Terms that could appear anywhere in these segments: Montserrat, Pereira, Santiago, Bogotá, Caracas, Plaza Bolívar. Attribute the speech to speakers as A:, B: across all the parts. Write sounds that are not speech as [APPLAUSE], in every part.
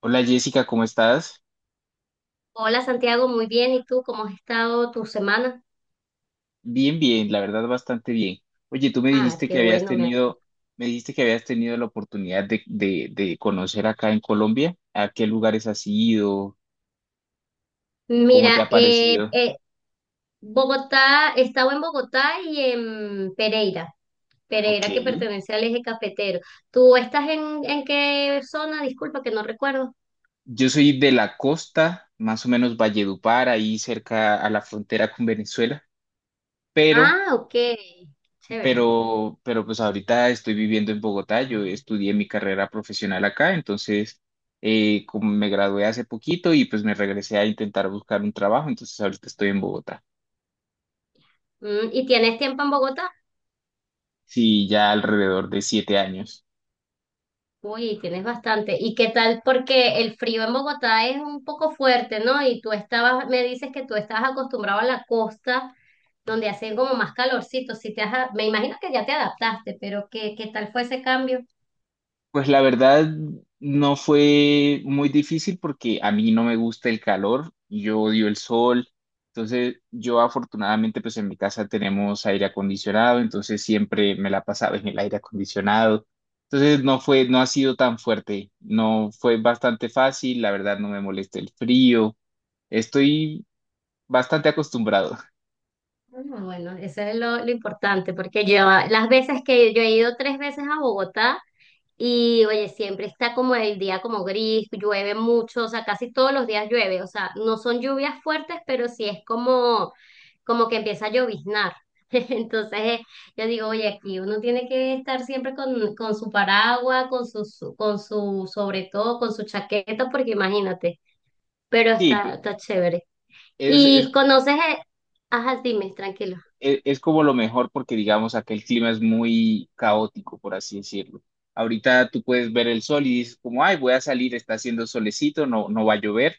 A: Hola Jessica, ¿cómo estás?
B: Hola Santiago, muy bien. ¿Y tú cómo has estado tu semana?
A: Bien, bien, la verdad bastante bien. Oye, tú me
B: Ah,
A: dijiste que
B: qué
A: habías
B: bueno. Me...
A: tenido, me dijiste que habías tenido la oportunidad de conocer acá en Colombia. ¿A qué lugares has ido? ¿Cómo te
B: Mira,
A: ha parecido?
B: Bogotá, he estado en Bogotá y en Pereira.
A: Ok.
B: Pereira que pertenece al eje cafetero. ¿Tú estás en qué zona? Disculpa que no recuerdo.
A: Yo soy de la costa, más o menos Valledupar, ahí cerca a la frontera con Venezuela, pero
B: Ah, ok, chévere.
A: pero pues ahorita estoy viviendo en Bogotá, yo estudié mi carrera profesional acá, entonces como me gradué hace poquito y pues me regresé a intentar buscar un trabajo, entonces ahorita estoy en Bogotá,
B: Mm, ¿y tienes tiempo en Bogotá?
A: sí, ya alrededor de 7 años.
B: Uy, tienes bastante. ¿Y qué tal? Porque el frío en Bogotá es un poco fuerte, ¿no? Y tú estabas, me dices que tú estabas acostumbrado a la costa, donde hacían como más calorcito. Si te has- Me imagino que ya te adaptaste, pero ¿qué, qué tal fue ese cambio?
A: Pues la verdad no fue muy difícil porque a mí no me gusta el calor, yo odio el sol, entonces yo afortunadamente pues en mi casa tenemos aire acondicionado, entonces siempre me la pasaba en el aire acondicionado, entonces no fue, no ha sido tan fuerte, no fue bastante fácil, la verdad no me molesta el frío, estoy bastante acostumbrado.
B: Bueno, bueno, eso es lo importante, porque yo las veces que yo he ido tres veces a Bogotá. Y oye, siempre está como el día como gris, llueve mucho, o sea, casi todos los días llueve, o sea, no son lluvias fuertes, pero sí es como, como que empieza a lloviznar. [LAUGHS] Entonces, yo digo, oye, aquí uno tiene que estar siempre con su paraguas, con su, su- con su, sobre todo, con su chaqueta, porque imagínate, pero
A: Sí,
B: está, está chévere.
A: es, es
B: Y conoces, ajá, dime, tranquilo.
A: es como lo mejor porque digamos acá el clima es muy caótico, por así decirlo. Ahorita tú puedes ver el sol y dices como, ay, voy a salir, está haciendo solecito, no, no va a llover.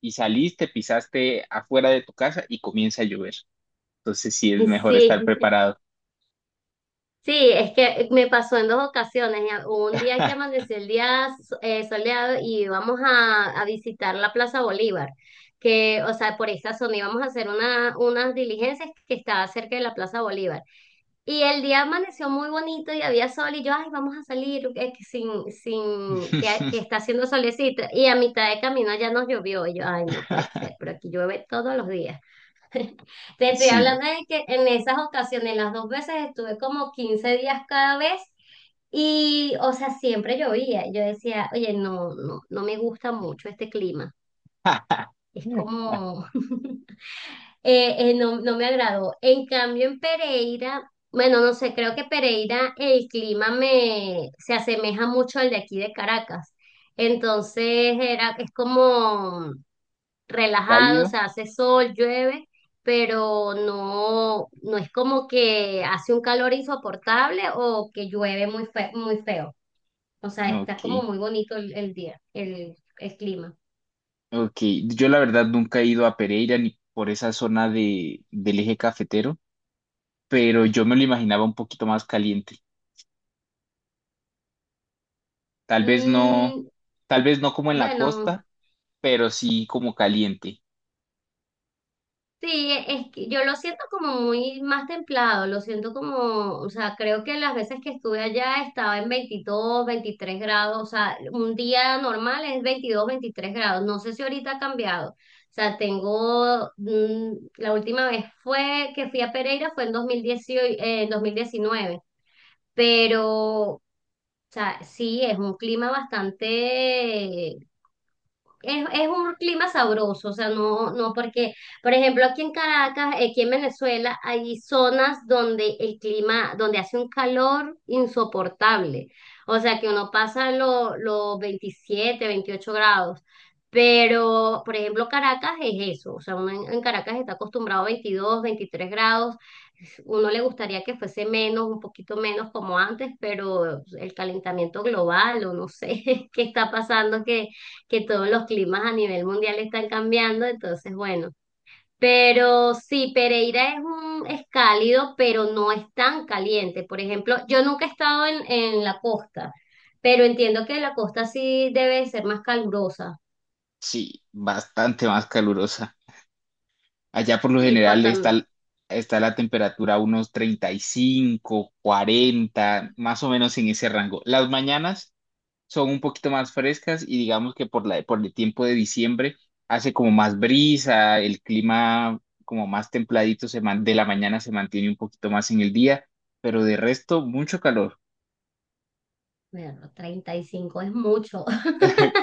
A: Y saliste, pisaste afuera de tu casa y comienza a llover. Entonces sí es
B: [LAUGHS]
A: mejor estar
B: Sí.
A: preparado.
B: Sí, es que me pasó en dos ocasiones. Ya, un día que amaneció el día soleado, y íbamos a visitar la Plaza Bolívar, que, o sea, por esa zona íbamos a hacer una, unas diligencias que estaba cerca de la Plaza Bolívar. Y el día amaneció muy bonito y había sol y yo, ay, vamos a salir, que sin, sin,
A: [LAUGHS]
B: que está haciendo solecito. Y a mitad de camino ya nos llovió. Y yo, ay, no puede ser, pero aquí llueve todos los días. [LAUGHS] Te estoy
A: Sí.
B: hablando de que en esas ocasiones, las dos veces, estuve como 15 días cada vez y, o sea, siempre llovía. Yo decía, oye, no, no, no me gusta mucho este clima. Es
A: [LAUGHS]
B: como, [LAUGHS] no, no me agradó. En cambio, en Pereira, bueno, no sé, creo que Pereira el clima me se asemeja mucho al de aquí de Caracas. Entonces era, es como, relajado, o
A: ¿Cálido?
B: sea, hace sol, llueve, pero no, no es como que hace un calor insoportable o que llueve muy feo. O sea, está
A: Ok,
B: como muy bonito el día, el clima.
A: ok. Yo la verdad nunca he ido a Pereira ni por esa zona de, del eje cafetero, pero yo me lo imaginaba un poquito más caliente. Tal vez no,
B: Mm,
A: tal vez no como en la
B: bueno.
A: costa, pero sí como caliente.
B: Sí, es que yo lo siento como muy más templado, lo siento como, o sea, creo que las veces que estuve allá estaba en 22, 23 grados, o sea, un día normal es 22, 23 grados, no sé si ahorita ha cambiado, o sea, tengo, mm, la última vez fue que fui a Pereira fue en 2018, en 2019. Pero, o sea, sí, es un clima bastante, es un clima sabroso, o sea, no, no, porque, por ejemplo, aquí en Caracas, aquí en Venezuela, hay zonas donde el clima, donde hace un calor insoportable, o sea, que uno pasa los 27, 28 grados, pero, por ejemplo, Caracas es eso, o sea, uno en Caracas está acostumbrado a 22, 23 grados, uno le gustaría que fuese menos, un poquito menos como antes, pero el calentamiento global, o no sé [LAUGHS] qué está pasando, que todos los climas a nivel mundial están cambiando, entonces bueno. Pero sí, Pereira es un, es cálido, pero no es tan caliente. Por ejemplo, yo nunca he estado en la costa, pero entiendo que la costa sí debe ser más calurosa.
A: Sí, bastante más calurosa. Allá por lo
B: Sí, por
A: general
B: tam-
A: está, está la temperatura a unos 35 40 más o menos en ese rango. Las mañanas son un poquito más frescas y digamos que por la, por el tiempo de diciembre hace como más brisa, el clima como más templadito se man- de la mañana se mantiene un poquito más en el día, pero de resto mucho calor.
B: bueno, 35 es mucho.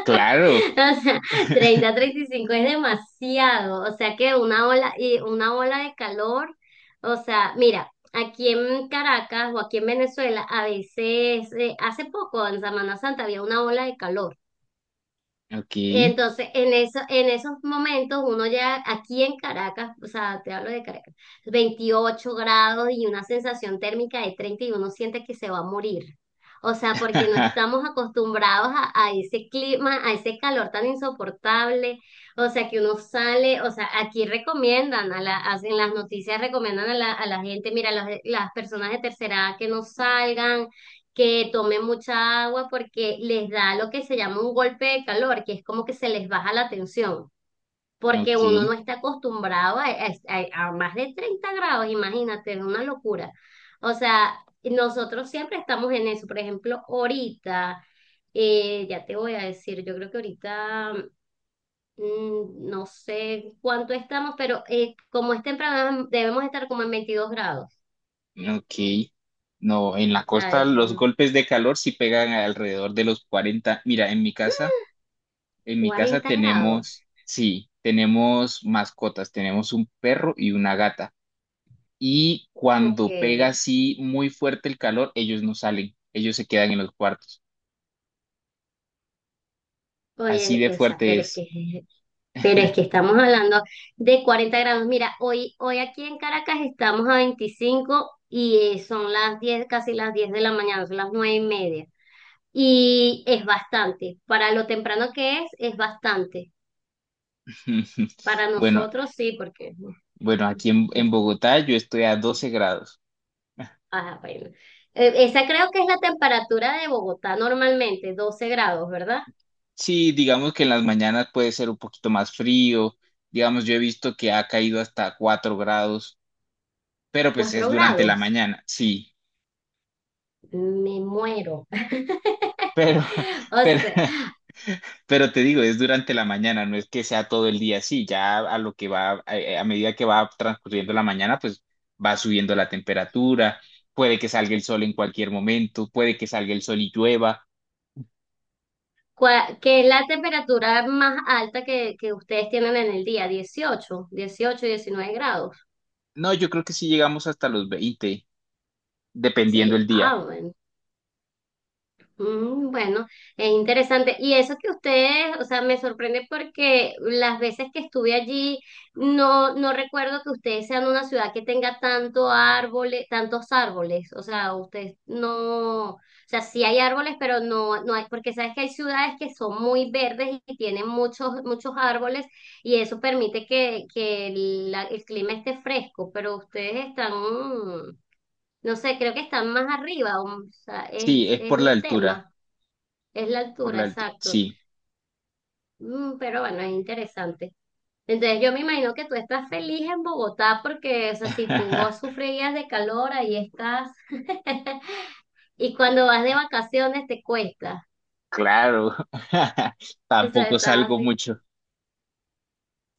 A: Claro.
B: [LAUGHS] O sea,
A: [LAUGHS]
B: 30, 35 es demasiado. O sea que una ola, y una ola de calor. O sea, mira, aquí en Caracas o aquí en Venezuela, a veces, hace poco, en Semana Santa, había una ola de calor.
A: Ok,
B: Entonces, en eso, en esos momentos, uno ya aquí en Caracas, o sea, te hablo de Caracas, 28 grados y una sensación térmica de 30 y uno siente que se va a morir. O sea, porque no
A: [LAUGHS]
B: estamos acostumbrados a ese clima, a ese calor tan insoportable. O sea, que uno sale, o sea, aquí recomiendan, a la, hacen las noticias recomiendan a la gente, mira, las personas de tercera edad que no salgan, que tomen mucha agua porque les da lo que se llama un golpe de calor, que es como que se les baja la tensión, porque uno
A: ok,
B: no está acostumbrado a, más de 30 grados, imagínate, es una locura. O sea, nosotros siempre estamos en eso, por ejemplo, ahorita, ya te voy a decir, yo creo que ahorita... Mm, no sé cuánto estamos, pero como es temprano, debemos estar como en 22 grados,
A: ok. No, en la costa
B: ¿sabes?
A: los
B: Mm,
A: golpes de calor sí pegan alrededor de los 40. Mira, en mi casa
B: 40 grados.
A: tenemos, sí, tenemos mascotas, tenemos un perro y una gata. Y
B: Ok.
A: cuando pega así muy fuerte el calor, ellos no salen, ellos se quedan en los cuartos. Así
B: Oye,
A: de
B: o sea,
A: fuerte es.
B: pero es que
A: [LAUGHS]
B: estamos hablando de 40 grados. Mira, hoy, hoy aquí en Caracas estamos a 25 y son las 10, casi las 10 de la mañana, son las 9:30. Y es bastante. Para lo temprano que es bastante. Para
A: Bueno,
B: nosotros sí, porque
A: bueno, aquí en
B: es,
A: Bogotá yo estoy a 12 grados.
B: ajá, bueno. Esa creo que es la temperatura de Bogotá normalmente, 12 grados, ¿verdad?
A: Sí, digamos que en las mañanas puede ser un poquito más frío, digamos yo he visto que ha caído hasta 4 grados, pero pues es
B: 4
A: durante la
B: grados.
A: mañana, sí,
B: Me muero. [LAUGHS]
A: pero, [LAUGHS]
B: O
A: pero,
B: sea,
A: pero te digo, es durante la mañana, no es que sea todo el día así, ya a lo que va, a medida que va transcurriendo la mañana, pues va subiendo la temperatura, puede que salga el sol en cualquier momento, puede que salga el sol y llueva,
B: ¿cuál- ¿qué es la temperatura más alta que ustedes tienen en el día? Dieciocho, 18, 19 grados.
A: no, yo creo que sí llegamos hasta los 20 dependiendo el
B: Sí, ah,
A: día,
B: bueno. Mm, bueno, es interesante. Y eso que ustedes, o sea, me sorprende porque las veces que estuve allí, no, no recuerdo que ustedes sean una ciudad que tenga tanto árboles, tantos árboles. O sea, ustedes no, o sea, sí hay árboles, pero no, no hay, porque sabes que hay ciudades que son muy verdes y tienen muchos, muchos árboles, y eso permite que el, el clima esté fresco, pero ustedes están, mm, no sé, creo que están más arriba, o sea,
A: sí, es
B: es el tema. Es la
A: por
B: altura,
A: la altura,
B: exacto.
A: sí.
B: Mm, pero bueno, es interesante. Entonces yo me imagino que tú estás feliz en Bogotá porque, o sea, si tú
A: [LAUGHS]
B: sufrías de calor, ahí estás. [LAUGHS] Y cuando vas de vacaciones te cuesta.
A: Claro, [LAUGHS]
B: O sea,
A: tampoco
B: estás
A: salgo
B: así,
A: mucho.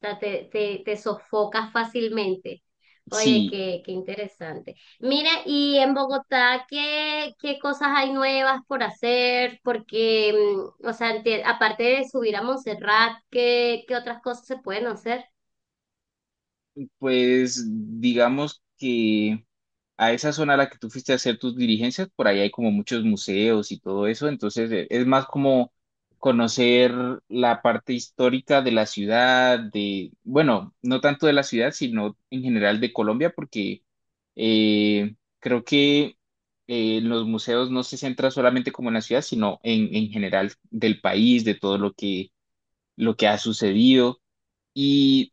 B: o sea, te sofocas fácilmente. Oye,
A: Sí,
B: qué, qué interesante. Mira, y en Bogotá, ¿qué, qué cosas hay nuevas por hacer? Porque, mm, o sea, aparte de subir a Montserrat, ¿qué, qué otras cosas se pueden hacer?
A: pues digamos que a esa zona a la que tú fuiste a hacer tus diligencias, por ahí hay como muchos museos y todo eso, entonces es más como conocer la parte histórica de la ciudad, de, bueno, no tanto de la ciudad, sino en general de Colombia, porque creo que los museos no se centran solamente como en la ciudad, sino en general del país, de todo lo que ha sucedido. Y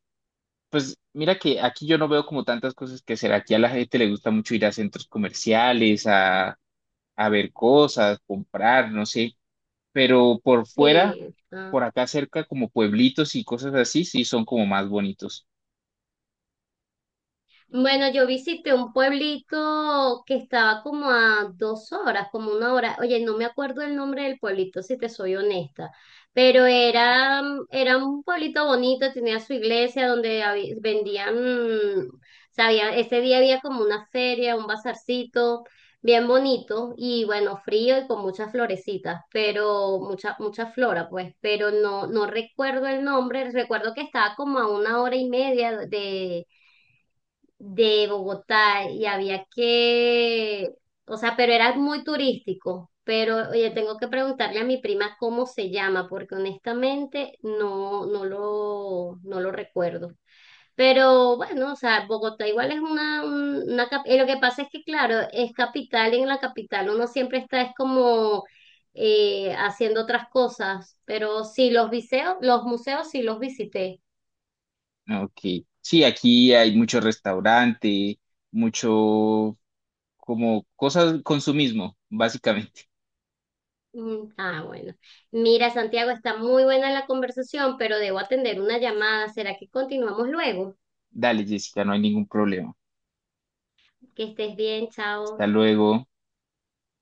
A: pues mira que aquí yo no veo como tantas cosas que hacer. Aquí a la gente le gusta mucho ir a centros comerciales, a ver cosas, comprar, no sé. Pero por fuera,
B: Sí, ah,
A: por acá cerca, como pueblitos y cosas así, sí son como más bonitos.
B: bueno, yo visité un pueblito que estaba como a 2 horas, como una hora. Oye, no me acuerdo el nombre del pueblito, si te soy honesta, pero era, era un pueblito bonito, tenía su iglesia donde vendían, mm, sabía, ese día había como una feria, un bazarcito, bien bonito y bueno, frío y con muchas florecitas, pero mucha, mucha flora, pues, pero no, no recuerdo el nombre, recuerdo que estaba como a una hora y media de Bogotá y había que, o sea, pero era muy turístico. Pero, oye, tengo que preguntarle a mi prima cómo se llama, porque honestamente no, no lo, no lo recuerdo. Pero bueno, o sea, Bogotá igual es una, y lo que pasa es que, claro, es capital y en la capital uno siempre está, es como haciendo otras cosas. Pero sí, los museos sí los visité.
A: Ok. Sí, aquí hay mucho restaurante, mucho como cosas consumismo, básicamente.
B: Mm, ah, bueno. Mira, Santiago, está muy buena la conversación, pero debo atender una llamada. ¿Será que continuamos luego?
A: Dale, Jessica, no hay ningún problema.
B: Que estés bien,
A: Hasta
B: chao.
A: luego.